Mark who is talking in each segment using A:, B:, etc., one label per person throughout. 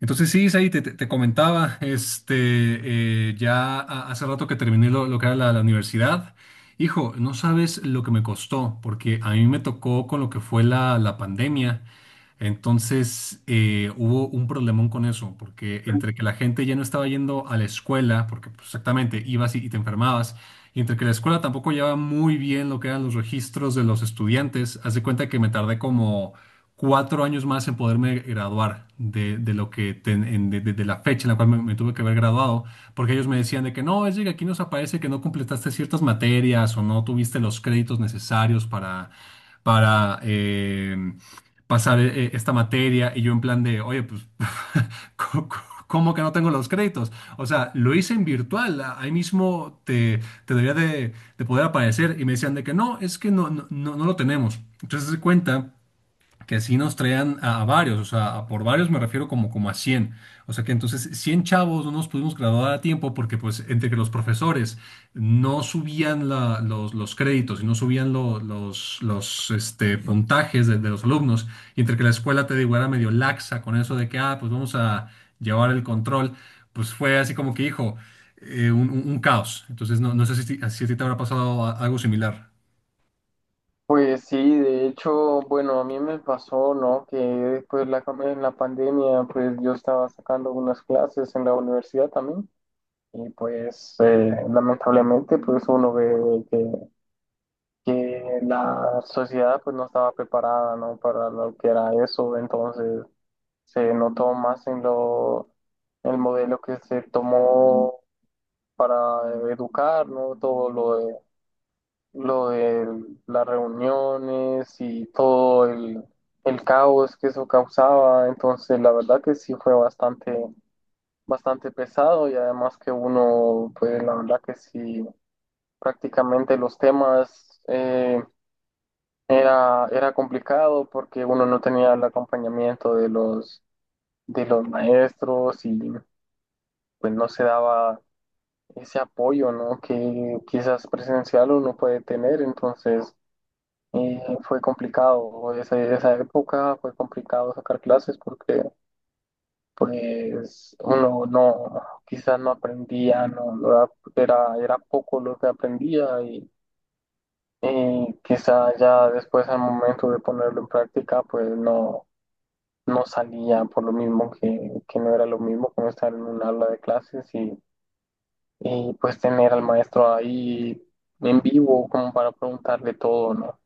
A: Entonces sí, Isaí, te comentaba, ya hace rato que terminé lo que era la universidad. Hijo, no sabes lo que me costó, porque a mí me tocó con lo que fue la pandemia. Entonces hubo un problemón con eso, porque entre que la gente ya no estaba yendo a la escuela, porque pues, exactamente ibas y te enfermabas, y entre que la escuela tampoco llevaba muy bien lo que eran los registros de los estudiantes, haz de cuenta que me tardé como cuatro años más en poderme graduar de lo que de la fecha en la cual me tuve que haber graduado, porque ellos me decían de que no, es que aquí nos aparece que no completaste ciertas materias o no tuviste los créditos necesarios para pasar esta materia, y yo en plan de, oye, pues, ¿cómo cómo que no tengo los créditos? O sea, lo hice en virtual, ahí mismo te debería de poder aparecer, y me decían de que no, es que no lo tenemos. Entonces se cuenta que sí nos traían a varios, o sea, a por varios me refiero como a cien. O sea que entonces 100 chavos no nos pudimos graduar a tiempo porque pues entre que los profesores no subían los créditos y no subían los puntajes de los alumnos, y entre que la escuela, te digo, era medio laxa con eso de que, ah, pues vamos a llevar el control, pues fue así como que, hijo, un caos. Entonces no, no sé si, si a ti te habrá pasado algo similar.
B: Pues sí, de hecho, bueno, a mí me pasó, ¿no? Que después en la pandemia, pues yo estaba sacando unas clases en la universidad también y pues lamentablemente, pues uno ve que la sociedad pues no estaba preparada, ¿no? Para lo que era eso, entonces se notó más en lo, el modelo que se tomó para educar, ¿no? Todo lo de las reuniones y el caos que eso causaba. Entonces, la verdad que sí fue bastante pesado y además que uno, pues la verdad que sí, prácticamente los temas era complicado porque uno no tenía el acompañamiento de los maestros y pues no se daba ese apoyo, ¿no? Que quizás presencial uno puede tener, entonces fue complicado, esa época fue complicado sacar clases porque pues uno no, quizás no aprendía, no era, era poco lo que aprendía y quizás ya después al momento de ponerlo en práctica pues no, no salía por lo mismo que no era lo mismo como estar en un aula de clases y pues tener al maestro ahí en vivo como para preguntarle todo, ¿no?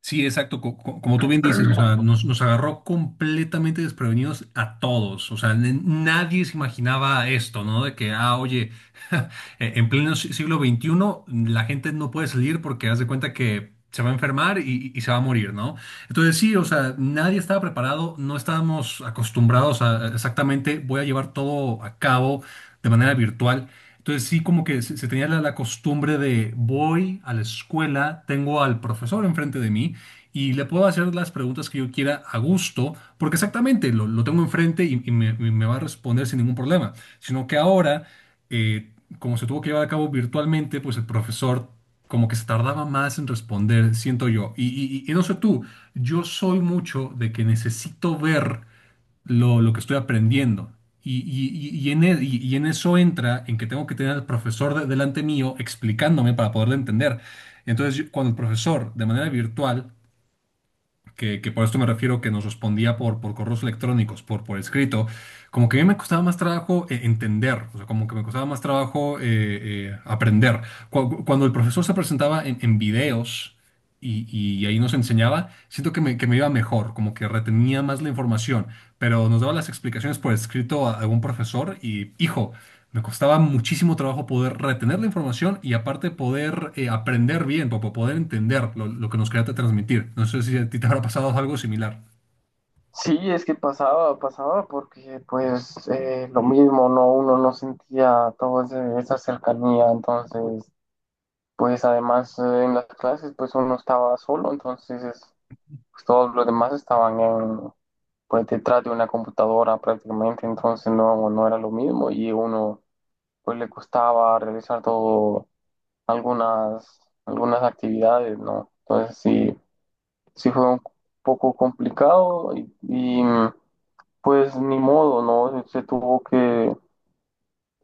A: Sí, exacto. Como tú bien dices, o sea, nos agarró completamente desprevenidos a todos. O sea, nadie se imaginaba esto, ¿no? De que, ah, oye, en pleno siglo XXI la gente no puede salir porque haz de cuenta que se va a enfermar y se va a morir, ¿no? Entonces sí, o sea, nadie estaba preparado, no estábamos acostumbrados a exactamente, voy a llevar todo a cabo de manera virtual. Entonces sí, como que se tenía la costumbre de voy a la escuela, tengo al profesor enfrente de mí y le puedo hacer las preguntas que yo quiera a gusto, porque exactamente lo tengo enfrente y me va a responder sin ningún problema. Sino que ahora, eh, como se tuvo que llevar a cabo virtualmente, pues el profesor como que se tardaba más en responder, siento yo. Y no sé tú, yo soy mucho de que necesito ver lo que estoy aprendiendo. Y en eso entra en que tengo que tener al profesor delante mío explicándome para poderlo entender. Entonces, cuando el profesor, de manera virtual, que por esto me refiero que nos respondía por correos electrónicos, por escrito, como que a mí me costaba más trabajo entender, o sea, como que me costaba más trabajo aprender. Cuando el profesor se presentaba en videos, y, y ahí nos enseñaba, siento que me iba mejor, como que retenía más la información, pero nos daba las explicaciones por escrito a algún profesor y, hijo, me costaba muchísimo trabajo poder retener la información y aparte poder aprender bien, para poder entender lo que nos quería transmitir. No sé si a ti te habrá pasado algo similar.
B: Sí, es que pasaba porque pues lo mismo, ¿no? Uno no sentía toda esa cercanía, entonces pues además en las clases pues uno estaba solo, pues, todos los demás estaban en, pues detrás de una computadora prácticamente, entonces no, no era lo mismo y uno pues le costaba realizar todo algunas, algunas actividades, ¿no? Entonces sí, sí fue un poco complicado y pues ni modo, ¿no?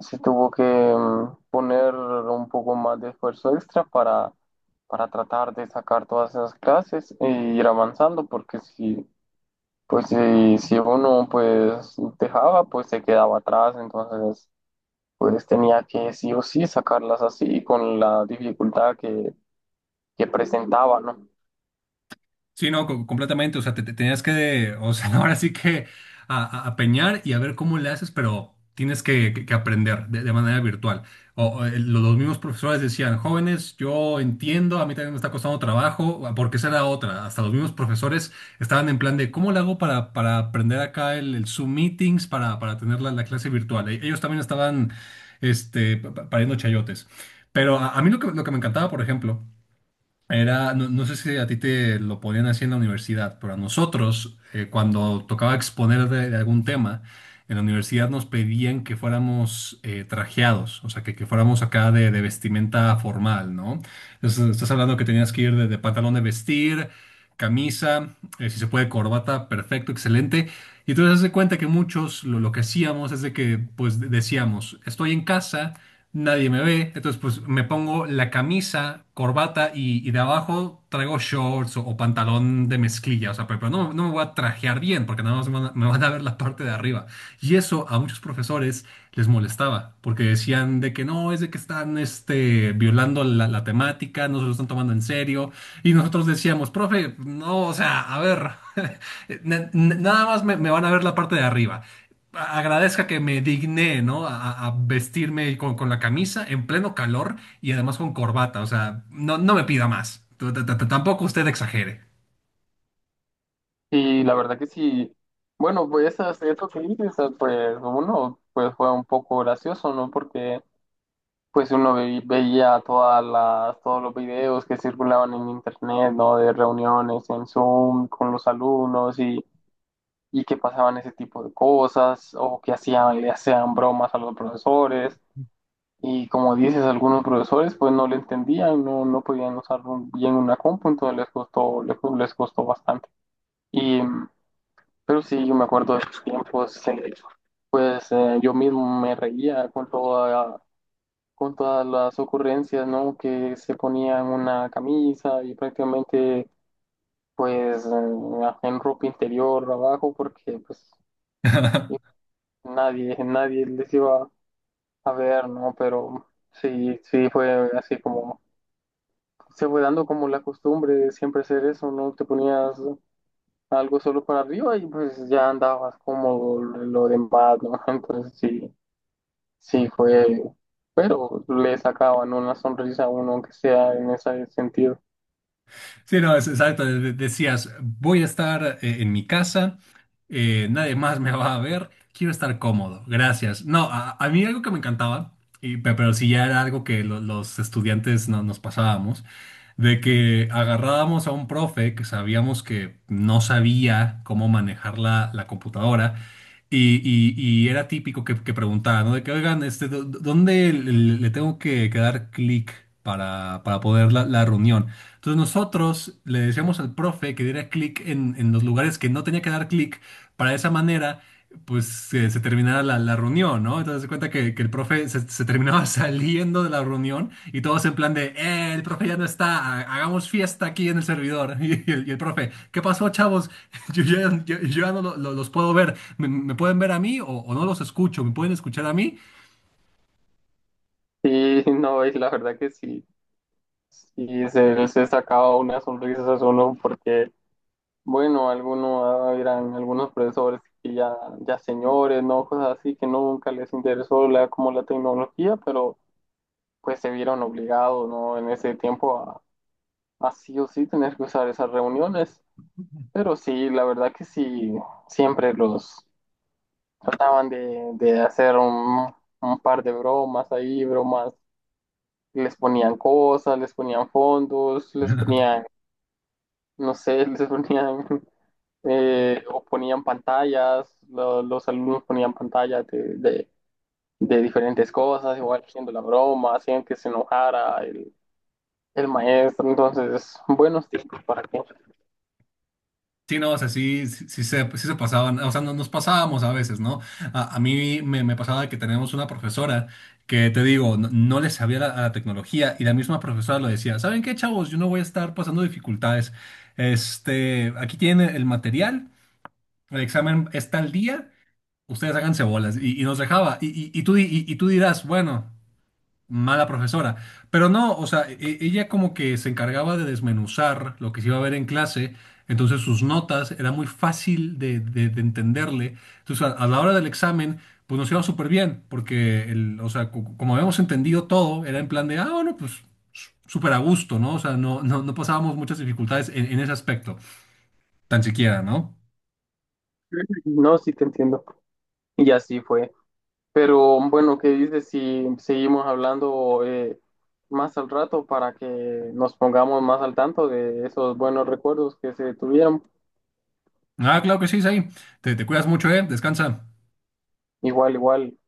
B: Se tuvo que poner un poco más de esfuerzo extra para tratar de sacar todas esas clases e ir avanzando, porque si, pues si, si uno pues dejaba, pues se quedaba atrás, entonces pues tenía que sí o sí sacarlas así con la dificultad que presentaba, ¿no?
A: Sí, no, completamente. O sea, te tenías que, o sea, ahora sí que a peñar y a ver cómo le haces, pero tienes que, que aprender de manera virtual. Los mismos profesores decían, jóvenes, yo entiendo, a mí también me está costando trabajo, porque esa era otra. Hasta los mismos profesores estaban en plan de, ¿cómo le hago para aprender acá el Zoom Meetings para tener la clase virtual? Ellos también estaban, pariendo chayotes. Pero a mí lo que me encantaba, por ejemplo, era, no, no sé si a ti te lo ponían así en la universidad, pero a nosotros, cuando tocaba exponer de algún tema, en la universidad nos pedían que fuéramos trajeados, o sea, que fuéramos acá de vestimenta formal, ¿no? Entonces, estás hablando que tenías que ir de pantalón de vestir, camisa, si se puede, corbata, perfecto, excelente. Y entonces, haz de cuenta que muchos lo que hacíamos es de que, pues, decíamos, estoy en casa nadie me ve. Entonces, pues me pongo la camisa, corbata y de abajo traigo shorts o pantalón de mezclilla. O sea, pero no, no me voy a trajear bien porque nada más me van a ver la parte de arriba. Y eso a muchos profesores les molestaba porque decían de que no, es de que están violando la temática, no se lo están tomando en serio. Y nosotros decíamos, profe, no, o sea, a ver, nada más me van a ver la parte de arriba, agradezca que me digné, ¿no? A vestirme con la camisa en pleno calor y además con corbata. O sea, no, no me pida más. Tampoco usted exagere.
B: Y la verdad que sí, bueno, pues eso que dices, pues uno pues fue un poco gracioso, ¿no? Porque pues uno veía todos los videos que circulaban en internet, ¿no? De reuniones en Zoom con los alumnos y que pasaban ese tipo de cosas o que hacían, le hacían bromas a los profesores. Y como dices, algunos profesores pues no le entendían, no, no podían usar bien una compu, entonces les costó, les costó bastante. Y, pero sí, yo me acuerdo de esos tiempos, pues yo mismo me reía con todas las ocurrencias, ¿no? Que se ponían una camisa y prácticamente, pues, en ropa interior abajo, porque, pues, nadie les iba a ver, ¿no? Pero sí, sí fue así como, se fue dando como la costumbre de siempre hacer eso, ¿no? Te ponías algo solo para arriba y pues ya andabas cómodo lo demás, ¿no? Entonces sí, sí fue, pero le sacaban una sonrisa a uno, aunque sea en ese sentido.
A: Sí, no, es exacto. Decías, voy a estar en mi casa, nadie más me va a ver, quiero estar cómodo, gracias. No, a mí algo que me encantaba, pero sí ya era algo que los estudiantes nos pasábamos, de que agarrábamos a un profe que sabíamos que no sabía cómo manejar la computadora. Y era típico que preguntaba, ¿no? De que, oigan, dónde le tengo que dar clic para poder la reunión? Entonces nosotros le decíamos al profe que diera clic en los lugares que no tenía que dar clic para de esa manera pues se terminara la reunión, ¿no? Entonces se cuenta que el profe se terminaba saliendo de la reunión y todos en plan de, el profe ya no está, hagamos fiesta aquí en el servidor. Y el profe, ¿qué pasó, chavos? Yo ya, yo ya no los puedo ver, me pueden ver a mí o no los escucho? ¿Me pueden escuchar a mí?
B: Sí, no, y la verdad que sí, sí se sacaba una sonrisa a uno porque, bueno, algunos eran algunos profesores que ya, ya señores, ¿no? Cosas así que nunca les interesó la, como la tecnología, pero pues se vieron obligados, ¿no? En ese tiempo a sí o sí tener que usar esas reuniones. Pero sí, la verdad que sí, siempre los trataban de hacer un par de bromas ahí, bromas les ponían cosas, les ponían fondos, les ponían, no sé, les ponían, o ponían pantallas, los alumnos ponían pantallas de diferentes cosas, igual haciendo la broma, hacían que se enojara el maestro, entonces, buenos tiempos para que,
A: Sí, no, o sea, sí, sí, sí se, pues, sí se pasaban, o sea, nos pasábamos a veces, ¿no? A mí me pasaba que tenemos una profesora que, te digo, no, no le sabía a la tecnología y la misma profesora lo decía, ¿saben qué, chavos? Yo no voy a estar pasando dificultades. Este, aquí tienen el material, el examen está al día, ustedes háganse bolas y nos dejaba. Y tú, y tú dirás, bueno, mala profesora. Pero no, o sea, ella como que se encargaba de desmenuzar lo que se iba a ver en clase, entonces sus notas era muy fácil de entenderle. Entonces, a la hora del examen, pues nos iba súper bien, porque, el, o sea, como habíamos entendido todo, era en plan de, ah, bueno, pues súper a gusto, ¿no? O sea, no pasábamos muchas dificultades en ese aspecto, tan siquiera, ¿no?
B: no, sí te entiendo, y así fue. Pero bueno, ¿qué dices si seguimos hablando más al rato para que nos pongamos más al tanto de esos buenos recuerdos que se tuvieron?
A: Ah, claro que sí, Zay. Te cuidas mucho, ¿eh? Descansa.
B: Igual, igual.